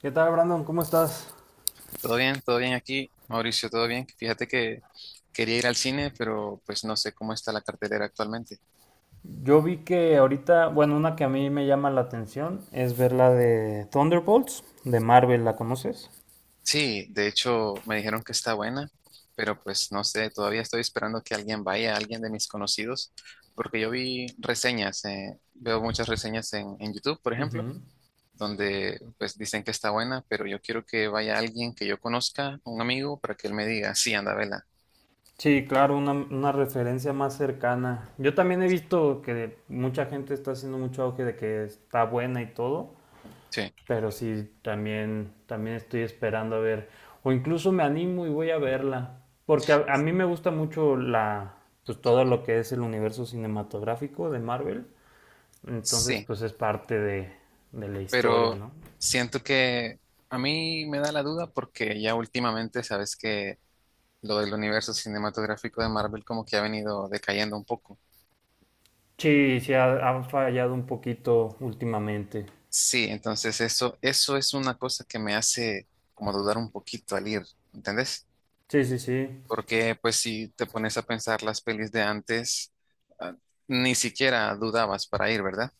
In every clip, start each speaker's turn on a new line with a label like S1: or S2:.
S1: ¿Qué tal, Brandon? ¿Cómo estás?
S2: Todo bien aquí, Mauricio, todo bien. Fíjate que quería ir al cine, pero pues no sé cómo está la cartelera actualmente.
S1: Yo vi que ahorita, bueno, una que a mí me llama la atención es ver la de Thunderbolts, de Marvel, ¿la conoces?
S2: Sí, de hecho me dijeron que está buena, pero pues no sé, todavía estoy esperando que alguien vaya, alguien de mis conocidos, porque yo vi reseñas, veo muchas reseñas en YouTube, por ejemplo,
S1: Ujú.
S2: donde pues dicen que está buena, pero yo quiero que vaya alguien que yo conozca, un amigo, para que él me diga, sí, anda, vela.
S1: Sí, claro, una referencia más cercana. Yo también he visto que mucha gente está haciendo mucho auge de que está buena y todo,
S2: Sí,
S1: pero sí, también, también estoy esperando a ver, o incluso me animo y voy a verla, porque a mí me gusta mucho la, pues todo lo que es el universo cinematográfico de Marvel. Entonces,
S2: sí,
S1: pues es parte de la historia,
S2: pero
S1: ¿no?
S2: siento que a mí me da la duda porque ya últimamente sabes que lo del universo cinematográfico de Marvel como que ha venido decayendo un poco.
S1: Sí, sí, ha fallado un poquito últimamente.
S2: Sí, entonces eso es una cosa que me hace como dudar un poquito al ir, ¿entendés?
S1: Sí, sí, sí.
S2: Porque pues si te pones a pensar las pelis de antes, ah, ni siquiera dudabas para ir, ¿verdad?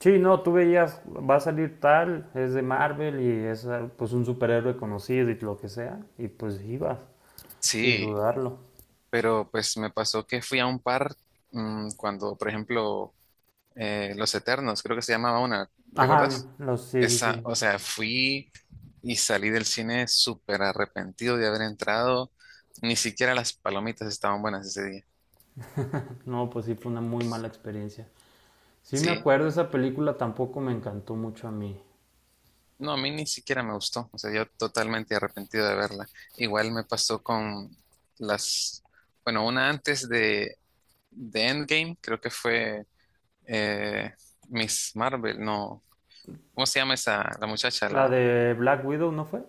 S1: Sí, no, tú veías, va a salir tal, es de Marvel y es ah, pues un superhéroe conocido y lo que sea, y pues ibas, sin
S2: Sí,
S1: dudarlo.
S2: pero pues me pasó que fui a un par cuando, por ejemplo, Los Eternos, creo que se llamaba una, ¿te acordás?
S1: Ajá, no, sí, sí,
S2: Esa,
S1: sí.
S2: o sea, fui y salí del cine súper arrepentido de haber entrado. Ni siquiera las palomitas estaban buenas ese día.
S1: No, pues sí fue una muy mala experiencia. Sí me
S2: Sí.
S1: acuerdo, esa película tampoco me encantó mucho a mí.
S2: No, a mí ni siquiera me gustó. O sea, yo totalmente arrepentido de verla. Igual me pasó con las, bueno, una antes de Endgame, creo que fue eh, Miss Marvel, no. ¿Cómo se llama esa, la muchacha?
S1: ¿La
S2: La,
S1: de Black Widow no fue?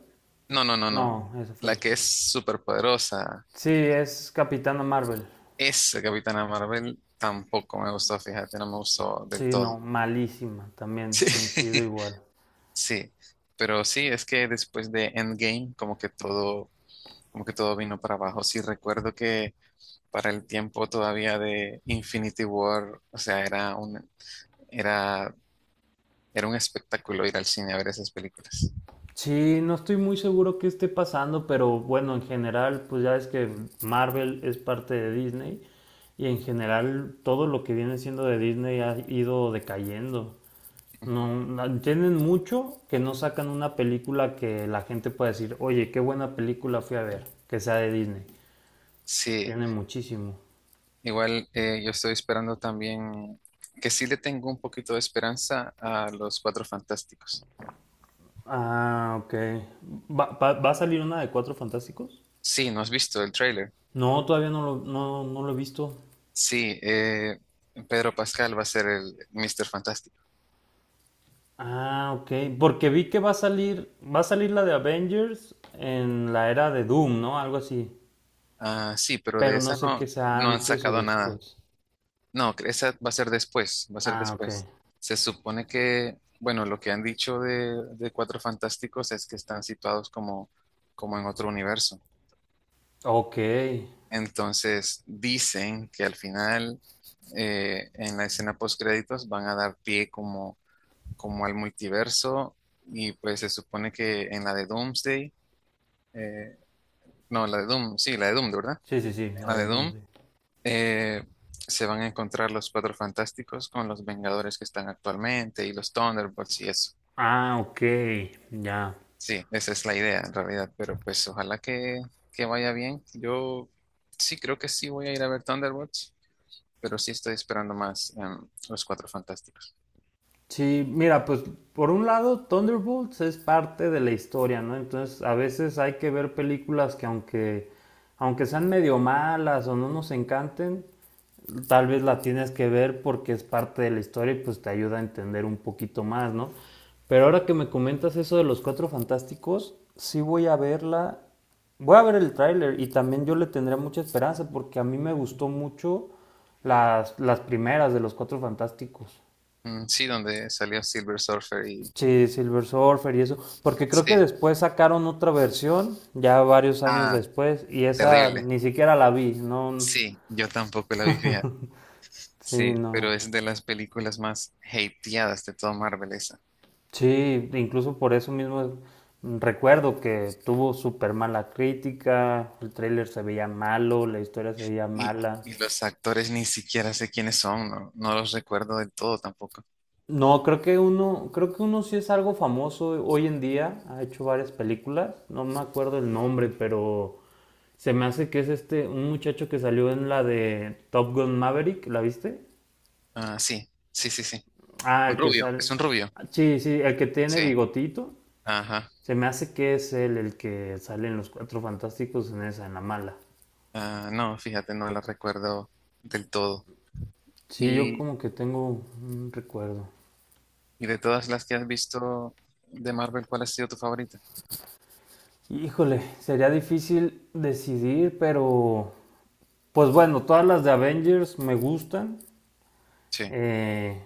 S2: no, no, no, no, no.
S1: No, esa fue
S2: La que
S1: después.
S2: es súper poderosa.
S1: Sí, es Capitana Marvel.
S2: Esa Capitana Marvel tampoco me gustó, fíjate, no me gustó del
S1: Sí, no,
S2: todo.
S1: malísima, también coincido igual.
S2: Sí, pero sí, es que después de Endgame, como que todo vino para abajo. Sí, recuerdo que para el tiempo todavía de Infinity War, o sea, era un, era, era un espectáculo ir al cine a ver esas películas.
S1: Sí, no estoy muy seguro qué esté pasando, pero bueno, en general, pues ya es que Marvel es parte de Disney y en general todo lo que viene siendo de Disney ha ido decayendo. No,
S2: Ujú.
S1: no- tienen mucho que no sacan una película que la gente pueda decir, oye, qué buena película fui a ver, que sea de Disney.
S2: Sí,
S1: Tienen muchísimo.
S2: igual yo estoy esperando también que sí le tengo un poquito de esperanza a los Cuatro Fantásticos.
S1: Ah, ok. ¿Va, va- va a salir una de Cuatro Fantásticos?
S2: Sí, ¿no has visto el tráiler?
S1: No, todavía no lo, no, no lo he visto.
S2: Sí, Pedro Pascal va a ser el Mr. Fantástico.
S1: Ah, ok. Porque vi que va a salir la de Avengers en la era de Doom, ¿no? Algo así.
S2: Ah, sí, pero de
S1: Pero no
S2: esa
S1: sé
S2: no,
S1: qué sea
S2: no han
S1: antes o
S2: sacado nada.
S1: después.
S2: No, esa va a ser después, va a ser
S1: Ah, ok.
S2: después. Se supone que, bueno, lo que han dicho de Cuatro Fantásticos es que están situados como, como en otro universo.
S1: Ok.
S2: Entonces, dicen que al final, en la escena postcréditos, van a dar pie como, como al multiverso y pues se supone que en la de Doomsday. eh, No, la de Doom, sí, la de Doom, ¿de verdad?
S1: Sí, sí, sí, la
S2: La de
S1: de Doom,
S2: Doom.
S1: sí.
S2: eh, Se van a encontrar los Cuatro Fantásticos con los Vengadores que están actualmente y los Thunderbolts y eso.
S1: Ah, ok. Ya.
S2: Sí, esa es la idea en realidad, pero pues ojalá que vaya bien. Yo sí creo que sí voy a ir a ver Thunderbolts, pero sí estoy esperando más los Cuatro Fantásticos.
S1: Sí, mira, pues por un lado, Thunderbolts es parte de la historia, ¿no? Entonces, a veces hay que ver películas que aunque, aunque sean medio malas o no nos encanten, tal vez la tienes que ver porque es parte de la historia y pues te ayuda a entender un poquito más, ¿no? Pero ahora que me comentas eso de los cuatro fantásticos, sí voy a verla, voy a ver el tráiler y también yo le tendría mucha esperanza porque a mí me gustó mucho las primeras de los cuatro fantásticos.
S2: Mm, sí, donde salió Silver Surfer y...
S1: Sí, Silver Surfer y eso, porque creo que
S2: Sí.
S1: después sacaron otra versión, ya varios años
S2: Ah,
S1: después, y esa
S2: terrible.
S1: ni siquiera la vi, no,
S2: Sí, yo tampoco la vi, fija.
S1: sí,
S2: Sí, pero
S1: no.
S2: es de las películas más hateadas de todo Marvel esa.
S1: Sí, incluso por eso mismo recuerdo que tuvo súper mala crítica, el tráiler se veía malo, la historia se veía
S2: Y,
S1: mala.
S2: y los actores ni siquiera sé quiénes son, no, no los recuerdo del todo tampoco.
S1: No, creo que uno sí es algo famoso hoy en día, ha hecho varias películas, no me acuerdo el nombre, pero se me hace que es este, un muchacho que salió en la de Top Gun Maverick, ¿la viste?
S2: Ah, sí, sí, sí, sí.
S1: Ah,
S2: Un
S1: el que
S2: rubio,
S1: sale,
S2: es un rubio.
S1: sí, sí, el que tiene
S2: Sí,
S1: bigotito,
S2: ajá.
S1: se me hace que es él el que sale en Los Cuatro Fantásticos en esa, en la mala.
S2: Ah, no, fíjate, no los recuerdo del todo.
S1: Sí, yo
S2: Y,
S1: como que tengo un recuerdo.
S2: y de todas las que has visto de Marvel, ¿cuál ha sido tu favorita?
S1: Híjole, sería difícil decidir, pero pues bueno, todas las de Avengers me gustan.
S2: Sí,
S1: Eh,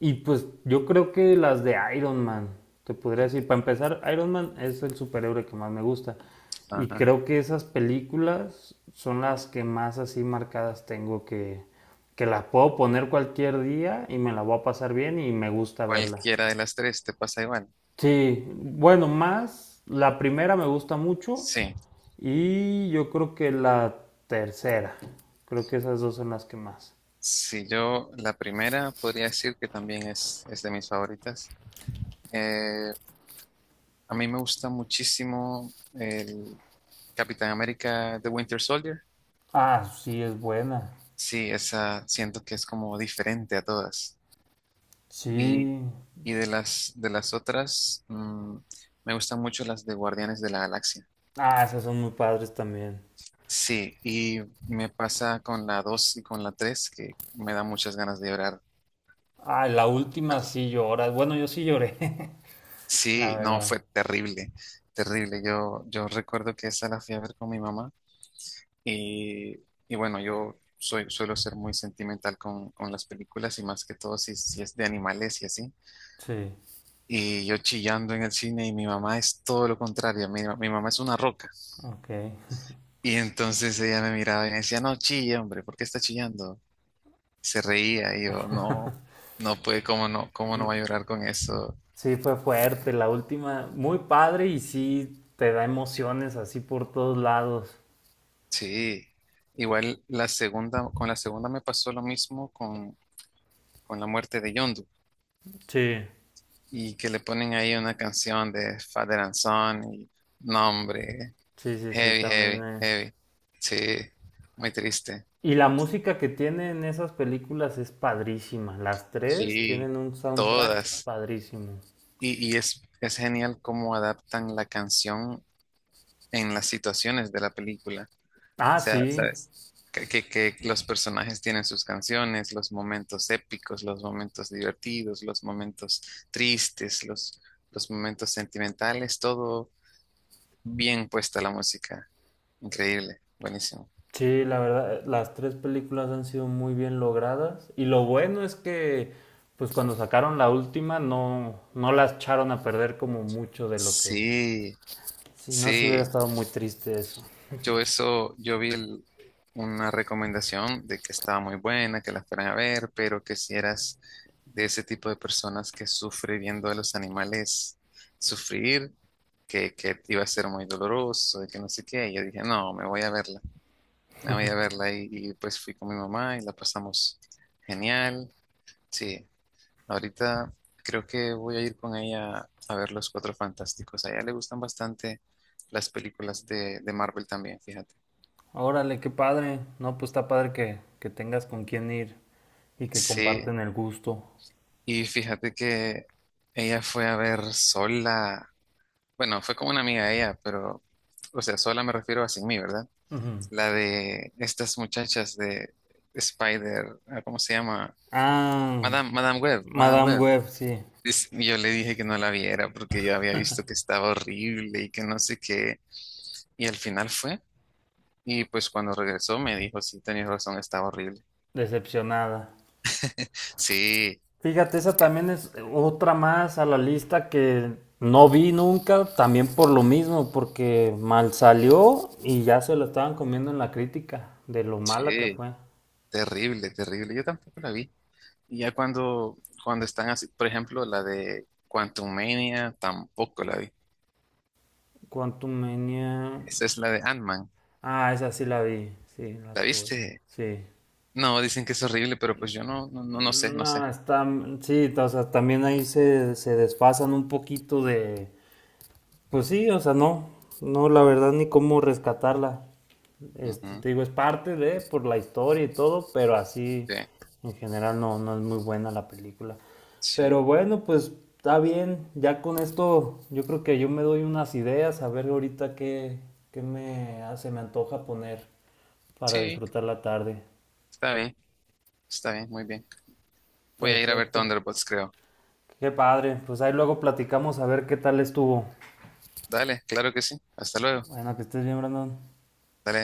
S1: y pues yo creo que las de Iron Man, te podría decir, para empezar, Iron Man es el superhéroe que más me gusta. Y
S2: ajá.
S1: creo que esas películas son las que más así marcadas tengo que las puedo poner cualquier día y me la voy a pasar bien y me gusta verla.
S2: Cualquiera de las tres te pasa igual.
S1: Sí, bueno, más la primera me gusta mucho
S2: Sí,
S1: y yo creo que la tercera. Creo que esas dos son las que más.
S2: si yo la primera podría decir que también es de mis favoritas. Eh, a mí me gusta muchísimo Capitán América The Winter Soldier.
S1: Ah, sí, es buena.
S2: Sí, esa siento que es como diferente a todas. Y,
S1: Sí.
S2: y de las otras, me gustan mucho las de Guardianes de la Galaxia.
S1: Ah, esas son muy padres también.
S2: Sí, y me pasa con la 2 y con la 3 que me da muchas ganas de llorar.
S1: Ah, la última sí lloras. Bueno, yo sí lloré, la
S2: Sí, no,
S1: verdad.
S2: fue terrible, terrible. Yo recuerdo que esa la fui a ver con mi mamá y, y bueno, yo soy, suelo ser muy sentimental con las películas y más que todo si, si es de animales y así.
S1: Sí.
S2: Y yo chillando en el cine y mi mamá es todo lo contrario, mi mamá es una roca.
S1: Ok.
S2: Y entonces ella me miraba y me decía, no chille, hombre, ¿por qué está chillando? Y se reía y yo, no, no puede, cómo no
S1: No,
S2: va a llorar con eso?
S1: sí, fue fuerte la última. Muy padre y sí te da emociones así por todos lados.
S2: Sí, igual la segunda, con la segunda me pasó lo mismo con la muerte de Yondu
S1: Sí.
S2: y que le ponen ahí una canción de Father and Son y no, hombre,
S1: Sí, sí, sí,
S2: heavy,
S1: también
S2: heavy,
S1: es.
S2: heavy. Sí, muy triste.
S1: Y la música que tienen esas películas es padrísima. Las tres
S2: Sí,
S1: tienen un soundtrack
S2: todas.
S1: padrísimo.
S2: Y, y es genial cómo adaptan la canción en las situaciones de la película. O
S1: Ah,
S2: sea,
S1: sí,
S2: ¿sabes? Que los personajes tienen sus canciones, los momentos épicos, los momentos divertidos, los momentos tristes, los momentos sentimentales, todo bien puesta la música. Increíble, buenísimo.
S1: sí, la verdad, las tres películas han sido muy bien logradas. Y lo bueno es que, pues cuando sacaron la última, no, no las echaron a perder como mucho de lo que...
S2: Sí,
S1: Si no, se hubiera
S2: sí.
S1: estado muy triste eso.
S2: Yo eso, yo vi el- una recomendación de que estaba muy buena, que la fueran a ver, pero que si eras de ese tipo de personas que sufre viendo a los animales sufrir, que iba a ser muy doloroso, y que no sé qué, y yo dije, no, me voy a verla, me voy a verla, y pues fui con mi mamá y la pasamos genial, sí, ahorita creo que voy a ir con ella a ver Los Cuatro Fantásticos, a ella le gustan bastante las películas de Marvel también, fíjate.
S1: Órale, qué padre. No, pues está padre que tengas con quién ir y que
S2: Sí,
S1: comparten el gusto.
S2: y fíjate que ella fue a ver sola, bueno, fue como una amiga de ella, pero, o sea, sola me refiero a sin mí, ¿verdad?
S1: Ujú.
S2: La de estas muchachas de Spider, ah, ¿cómo se llama?
S1: Ah,
S2: Madame, Madame Web, Madame
S1: Madame
S2: Web.
S1: Web, sí.
S2: Dice- Yo le dije que no la viera porque yo había visto que estaba horrible y que no sé qué, y al final fue, y pues cuando regresó me dijo, sí, tenías razón, estaba horrible.
S1: Decepcionada.
S2: Sí,
S1: Fíjate, esa también es otra más a la lista que no vi nunca, también por lo mismo, porque mal salió y ya se lo estaban comiendo en la crítica de lo mala que
S2: sí,
S1: fue.
S2: terrible, terrible, yo tampoco la vi. Y ya cuando, cuando están así, por ejemplo, la de Quantumania, tampoco la vi.
S1: Quantum Mania.
S2: Esa es la de Ant-Man.
S1: Ah, esa sí la vi, sí, la
S2: ¿La
S1: tuve.
S2: viste?
S1: Sí.
S2: No, dicen que es horrible, pero pues yo no, no, no, no sé, no sé.
S1: No, está, sí, o sea, también ahí se, se desfasan un poquito de... Pues sí, o sea, no, no, la verdad ni cómo rescatarla. Este,
S2: Ujú,
S1: te digo, es parte de, por la historia y todo, pero así
S2: sí,
S1: en general no, no es muy buena la película.
S2: sí,
S1: Pero bueno, pues está bien, ya con esto yo creo que yo me doy unas ideas, a ver ahorita qué, qué me, ah, se me antoja poner para
S2: sí,
S1: disfrutar la tarde.
S2: está bien, está bien, muy bien. Voy a ir a ver
S1: Perfecto.
S2: Thunderbolts, creo.
S1: Qué padre, pues ahí luego platicamos a ver qué tal estuvo.
S2: Dale, claro que sí. Hasta luego.
S1: Bueno, que estés bien, Brandon.
S2: Dale.